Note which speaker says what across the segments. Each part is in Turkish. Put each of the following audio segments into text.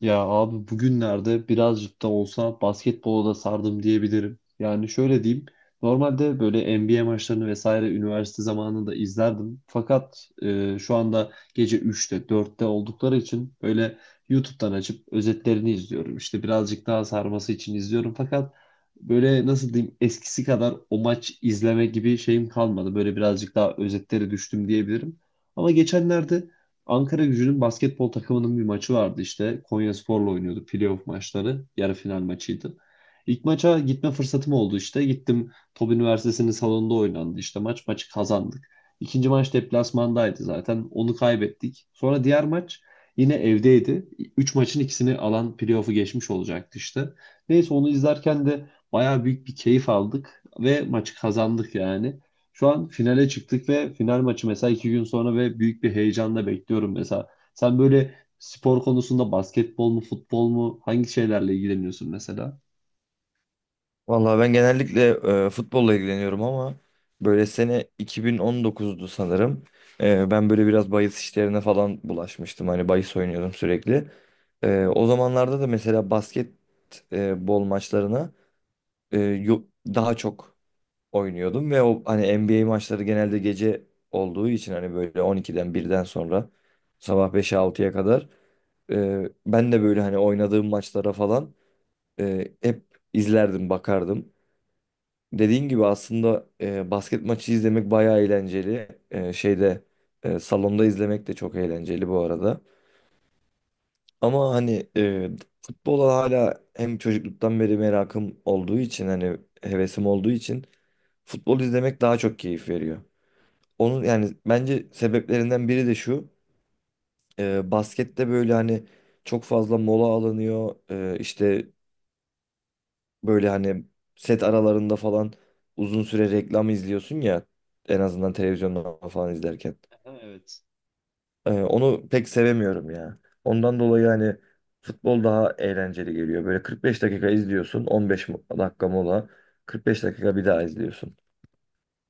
Speaker 1: Ya abi, bugünlerde birazcık da olsa basketbola da sardım diyebilirim. Yani şöyle diyeyim. Normalde böyle NBA maçlarını vesaire üniversite zamanında izlerdim. Fakat şu anda gece üçte dörtte oldukları için böyle YouTube'dan açıp özetlerini izliyorum. İşte birazcık daha sarması için izliyorum. Fakat böyle nasıl diyeyim, eskisi kadar o maç izleme gibi şeyim kalmadı. Böyle birazcık daha özetlere düştüm diyebilirim. Ama geçenlerde Ankara Gücü'nün basketbol takımının bir maçı vardı işte. Konyaspor'la oynuyordu, playoff maçları. Yarı final maçıydı. İlk maça gitme fırsatım oldu işte. Gittim, Top Üniversitesi'nin salonunda oynandı işte maç. Maçı kazandık. İkinci maç deplasmandaydı zaten. Onu kaybettik. Sonra diğer maç yine evdeydi. Üç maçın ikisini alan playoff'u geçmiş olacaktı işte. Neyse, onu izlerken de bayağı büyük bir keyif aldık ve maçı kazandık yani. Şu an finale çıktık ve final maçı mesela iki gün sonra ve büyük bir heyecanla bekliyorum mesela. Sen böyle spor konusunda basketbol mu, futbol mu, hangi şeylerle ilgileniyorsun mesela?
Speaker 2: Vallahi ben genellikle futbolla ilgileniyorum ama böyle sene 2019'du sanırım. Ben böyle biraz bahis işlerine falan bulaşmıştım. Hani bahis oynuyordum sürekli. O zamanlarda da mesela basketbol maçlarına e, yo- daha çok oynuyordum ve o hani NBA maçları genelde gece olduğu için hani böyle 12'den birden sonra sabah 5'e 6'ya kadar ben de böyle hani oynadığım maçlara falan hep izlerdim, bakardım. Dediğin gibi aslında basket maçı izlemek bayağı eğlenceli. Salonda izlemek de çok eğlenceli bu arada. Ama hani futbola hala hem çocukluktan beri merakım olduğu için hani hevesim olduğu için futbol izlemek daha çok keyif veriyor. Onun yani bence sebeplerinden biri de şu. Baskette böyle hani çok fazla mola alınıyor. İşte böyle hani set aralarında falan uzun süre reklam izliyorsun ya, en azından televizyonda falan izlerken.
Speaker 1: Aha, evet.
Speaker 2: Onu pek sevemiyorum ya. Ondan dolayı hani futbol daha eğlenceli geliyor. Böyle 45 dakika izliyorsun, 15 dakika mola, 45 dakika bir daha izliyorsun.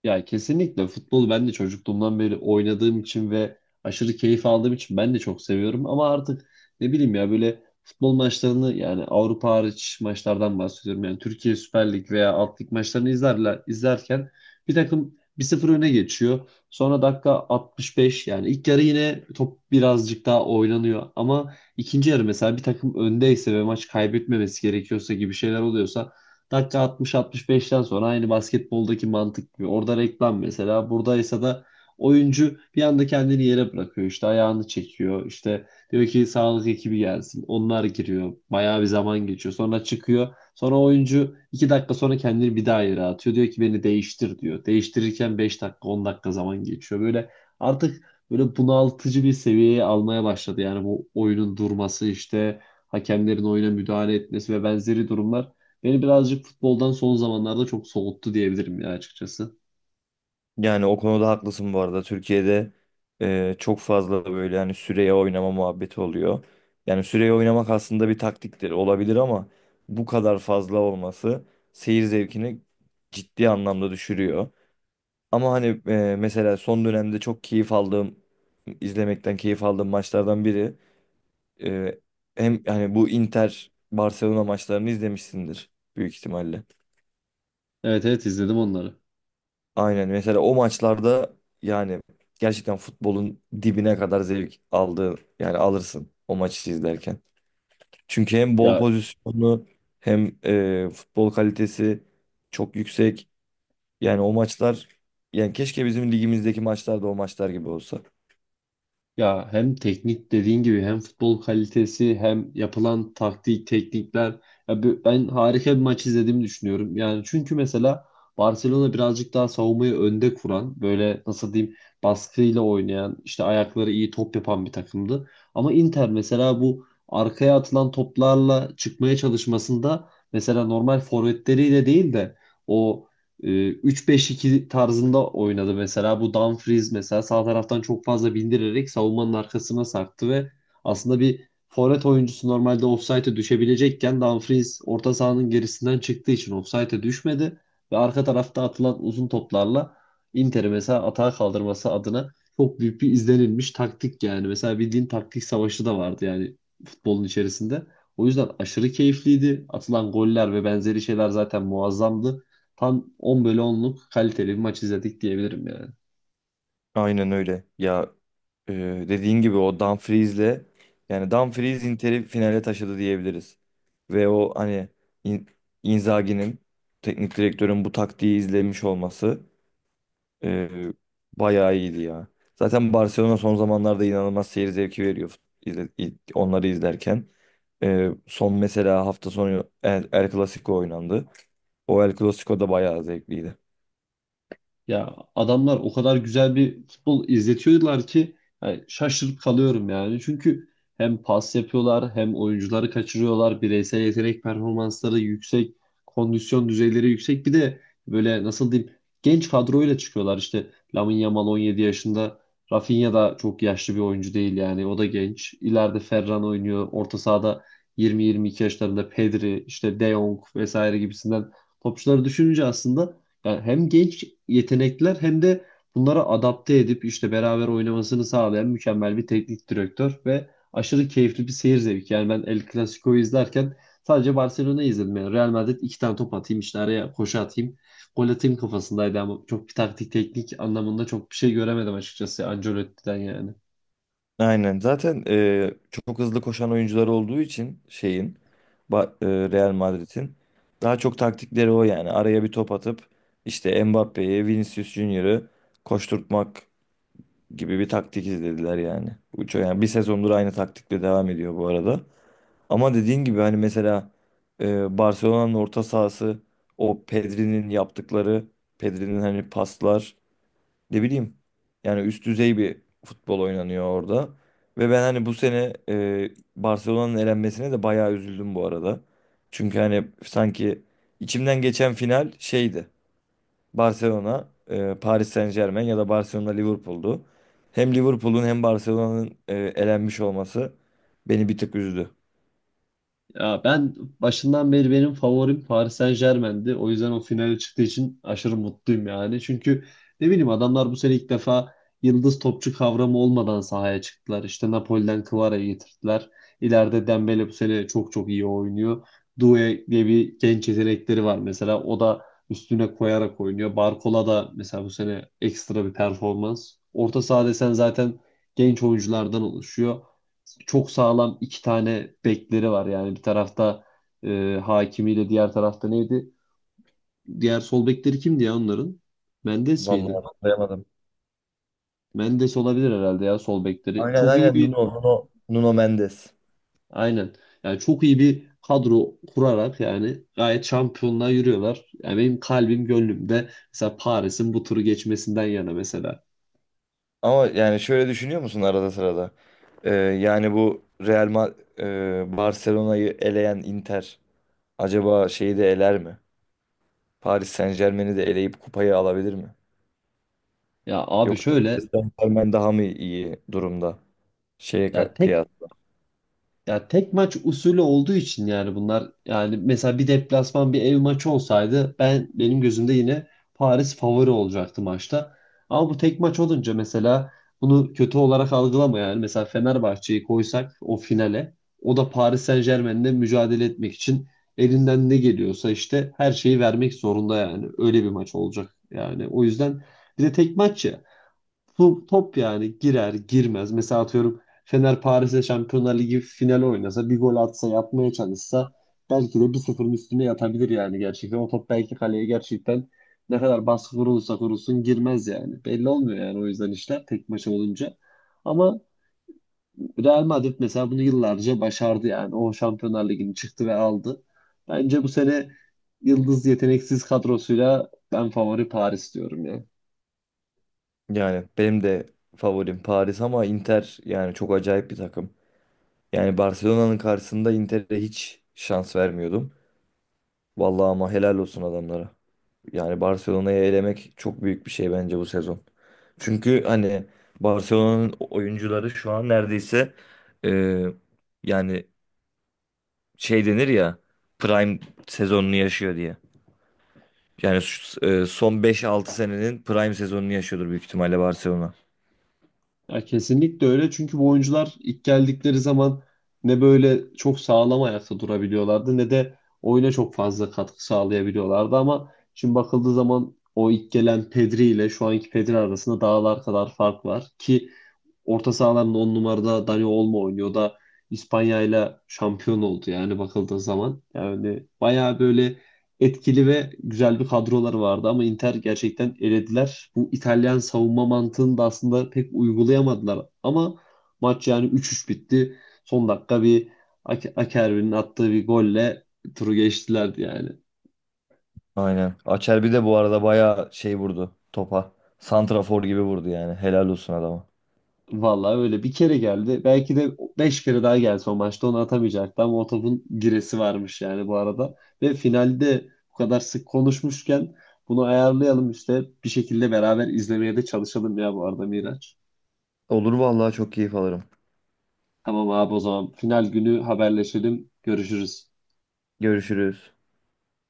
Speaker 1: Ya kesinlikle futbolu ben de çocukluğumdan beri oynadığım için ve aşırı keyif aldığım için ben de çok seviyorum. Ama artık ne bileyim ya, böyle futbol maçlarını, yani Avrupa hariç maçlardan bahsediyorum. Yani Türkiye Süper Lig veya Alt Lig maçlarını izlerler, izlerken bir takım bir sıfır öne geçiyor. Sonra dakika 65, yani ilk yarı yine top birazcık daha oynanıyor. Ama ikinci yarı mesela bir takım öndeyse ve maç kaybetmemesi gerekiyorsa gibi şeyler oluyorsa dakika 60-65'ten sonra aynı basketboldaki mantık gibi. Orada reklam mesela. Buradaysa da oyuncu bir anda kendini yere bırakıyor. İşte ayağını çekiyor. İşte diyor ki sağlık ekibi gelsin. Onlar giriyor. Bayağı bir zaman geçiyor. Sonra çıkıyor. Sonra oyuncu 2 dakika sonra kendini bir daha yere atıyor. Diyor ki beni değiştir diyor. Değiştirirken 5 dakika 10 dakika zaman geçiyor. Böyle artık böyle bunaltıcı bir seviyeye almaya başladı. Yani bu oyunun durması, işte hakemlerin oyuna müdahale etmesi ve benzeri durumlar beni birazcık futboldan son zamanlarda çok soğuttu diyebilirim ya, açıkçası.
Speaker 2: Yani o konuda haklısın bu arada. Türkiye'de çok fazla böyle yani süreye oynama muhabbeti oluyor. Yani süreye oynamak aslında bir taktiktir, olabilir, ama bu kadar fazla olması seyir zevkini ciddi anlamda düşürüyor. Ama hani mesela son dönemde çok keyif aldığım, izlemekten keyif aldığım maçlardan biri, e, hem hani bu Inter Barcelona maçlarını izlemişsindir büyük ihtimalle.
Speaker 1: Evet evet, izledim onları.
Speaker 2: Aynen, mesela o maçlarda yani gerçekten futbolun dibine kadar zevk aldığı, yani alırsın o maçı izlerken. Çünkü hem bol
Speaker 1: Ya
Speaker 2: pozisyonu hem futbol kalitesi çok yüksek. Yani o maçlar, yani keşke bizim ligimizdeki maçlar da o maçlar gibi olsa.
Speaker 1: ya hem teknik dediğin gibi hem futbol kalitesi hem yapılan taktik teknikler, ya ben harika bir maç izlediğimi düşünüyorum. Yani çünkü mesela Barcelona birazcık daha savunmayı önde kuran, böyle nasıl diyeyim, baskıyla oynayan, işte ayakları iyi top yapan bir takımdı. Ama Inter mesela bu arkaya atılan toplarla çıkmaya çalışmasında mesela normal forvetleriyle değil de o e, 3-5-2 tarzında oynadı mesela. Bu Dumfries mesela sağ taraftan çok fazla bindirerek savunmanın arkasına sarktı ve aslında bir forvet oyuncusu normalde ofsayta düşebilecekken Dumfries orta sahanın gerisinden çıktığı için ofsayta düşmedi ve arka tarafta atılan uzun toplarla Inter'i mesela atağa kaldırması adına çok büyük bir izlenilmiş taktik yani. Mesela bildiğin taktik savaşı da vardı yani futbolun içerisinde. O yüzden aşırı keyifliydi. Atılan goller ve benzeri şeyler zaten muazzamdı. Tam 10 bölü onluk kaliteli bir maç izledik diyebilirim ya.
Speaker 2: Aynen öyle. Ya e, dediğin gibi o Dumfries'le, yani Dumfries Inter'i finale taşıdı diyebiliriz. Ve o hani In- Inzaghi'nin, teknik direktörün bu taktiği izlemiş olması e, bayağı iyiydi ya. Zaten Barcelona son zamanlarda inanılmaz seyir zevki veriyor onları izlerken. Son mesela hafta sonu El Clasico oynandı. O El Clasico da bayağı zevkliydi.
Speaker 1: Ya adamlar o kadar güzel bir futbol izletiyorlar ki yani şaşırıp kalıyorum yani. Çünkü hem pas yapıyorlar hem oyuncuları kaçırıyorlar. Bireysel yetenek performansları yüksek, kondisyon düzeyleri yüksek. Bir de böyle nasıl diyeyim, genç kadroyla çıkıyorlar. İşte Lamine Yamal 17 yaşında. Rafinha da çok yaşlı bir oyuncu değil yani. O da genç. İleride Ferran oynuyor. Orta sahada 20-22 yaşlarında Pedri, işte De Jong vesaire gibisinden topçuları düşününce aslında yani hem genç yetenekler hem de bunlara adapte edip işte beraber oynamasını sağlayan mükemmel bir teknik direktör ve aşırı keyifli bir seyir zevki. Yani ben El Clasico'yu izlerken sadece Barcelona'yı izledim. Yani Real Madrid iki tane top atayım, işte araya koşu atayım, gol atayım kafasındaydı ama çok bir taktik teknik anlamında çok bir şey göremedim açıkçası Ancelotti'den yani.
Speaker 2: Aynen. Zaten çok hızlı koşan oyuncular olduğu için Ba- Real Madrid'in daha çok taktikleri o yani. Araya bir top atıp işte Mbappe'yi, Vinicius Junior'ı koşturtmak gibi bir taktik izlediler yani. Uço yani bir sezondur aynı taktikle devam ediyor bu arada. Ama dediğin gibi hani mesela Barcelona'nın orta sahası, o Pedri'nin yaptıkları, Pedri'nin hani paslar, ne bileyim, yani üst düzey bir futbol oynanıyor orada. Ve ben hani bu sene Barcelona'nın elenmesine de bayağı üzüldüm bu arada. Çünkü hani sanki içimden geçen final şeydi. Barcelona, Paris Saint-Germain ya da Barcelona Liverpool'du. Hem Liverpool'un hem Barcelona'nın elenmiş olması beni bir tık üzdü.
Speaker 1: Ya ben başından beri benim favorim Paris Saint-Germain'di. O yüzden o finale çıktığı için aşırı mutluyum yani. Çünkü ne bileyim, adamlar bu sene ilk defa yıldız topçu kavramı olmadan sahaya çıktılar. İşte Napoli'den Kvara'yı getirdiler. İleride Dembele bu sene çok çok iyi oynuyor. Doué diye bir genç yetenekleri var mesela. O da üstüne koyarak oynuyor. Barcola da mesela bu sene ekstra bir performans. Orta saha desen zaten genç oyunculardan oluşuyor, çok sağlam iki tane bekleri var. Yani bir tarafta Hakimi'yle diğer tarafta neydi? Diğer sol bekleri kimdi ya onların? Mendes miydi?
Speaker 2: Vallahi anlayamadım.
Speaker 1: Mendes olabilir herhalde ya, sol bekleri.
Speaker 2: Aynen,
Speaker 1: Çok iyi
Speaker 2: aynen,
Speaker 1: bir
Speaker 2: Nuno Mendes.
Speaker 1: aynen. Yani çok iyi bir kadro kurarak yani gayet şampiyonluğa yürüyorlar. Yani benim kalbim gönlümde mesela Paris'in bu turu geçmesinden yana mesela.
Speaker 2: Ama yani şöyle düşünüyor musun arada sırada? Yani bu Barcelona'yı eleyen Inter acaba şeyi de eler mi? Paris Saint-Germain'i de eleyip kupayı alabilir mi?
Speaker 1: Ya abi
Speaker 2: Yoksa
Speaker 1: şöyle,
Speaker 2: Paris Saint-Germain daha mı iyi durumda? Şeye
Speaker 1: ya tek
Speaker 2: kıyas.
Speaker 1: Ya tek maç usulü olduğu için yani bunlar, yani mesela bir deplasman bir ev maçı olsaydı ben, benim gözümde yine Paris favori olacaktı maçta. Ama bu tek maç olunca mesela, bunu kötü olarak algılama, yani mesela Fenerbahçe'yi koysak o finale, o da Paris Saint-Germain'le mücadele etmek için elinden ne geliyorsa işte her şeyi vermek zorunda yani, öyle bir maç olacak yani. O yüzden bir de tek maç ya. Bu top yani girer girmez. Mesela atıyorum Fener Paris'e Şampiyonlar Ligi finali oynasa bir gol atsa yapmaya çalışsa belki de bir 0ın üstüne yatabilir yani, gerçekten. O top belki kaleye, gerçekten ne kadar baskı kurulursa kurulsun girmez yani. Belli olmuyor yani, o yüzden işler tek maça olunca. Ama Real Madrid mesela bunu yıllarca başardı yani. O Şampiyonlar Ligi'ni çıktı ve aldı. Bence bu sene yıldız yeteneksiz kadrosuyla ben favori Paris diyorum ya.
Speaker 2: Yani benim de favorim Paris ama Inter yani çok acayip bir takım. Yani Barcelona'nın karşısında Inter'e hiç şans vermiyordum. Vallahi ama helal olsun adamlara. Yani Barcelona'yı elemek çok büyük bir şey bence bu sezon. Çünkü hani Barcelona'nın oyuncuları şu an neredeyse, e, yani şey denir ya, prime sezonunu yaşıyor diye. Yani son beş altı senenin prime sezonunu yaşıyordur büyük ihtimalle Barcelona.
Speaker 1: Ya kesinlikle öyle çünkü bu oyuncular ilk geldikleri zaman ne böyle çok sağlam ayakta durabiliyorlardı ne de oyuna çok fazla katkı sağlayabiliyorlardı ama şimdi bakıldığı zaman o ilk gelen Pedri ile şu anki Pedri arasında dağlar kadar fark var ki orta sahaların 10 numarada Dani Olmo oynuyor da İspanya ile şampiyon oldu yani bakıldığı zaman. Yani bayağı böyle etkili ve güzel bir kadroları vardı ama Inter gerçekten elediler. Bu İtalyan savunma mantığını da aslında pek uygulayamadılar ama maç yani 3-3 bitti. Son dakika bir Akerbi'nin attığı bir golle turu geçtilerdi yani.
Speaker 2: Aynen. Acerbi de bu arada bayağı şey vurdu topa. Santrafor gibi vurdu yani. Helal olsun adama.
Speaker 1: Vallahi öyle, bir kere geldi. Belki de beş kere daha gelse o maçta onu atamayacaktı ama o topun giresi varmış yani, bu arada. Ve finalde, bu kadar sık konuşmuşken bunu ayarlayalım işte bir şekilde, beraber izlemeye de çalışalım ya bu arada Miraç.
Speaker 2: Olur vallahi, çok keyif alırım.
Speaker 1: Tamam abi, o zaman final günü haberleşelim. Görüşürüz.
Speaker 2: Görüşürüz.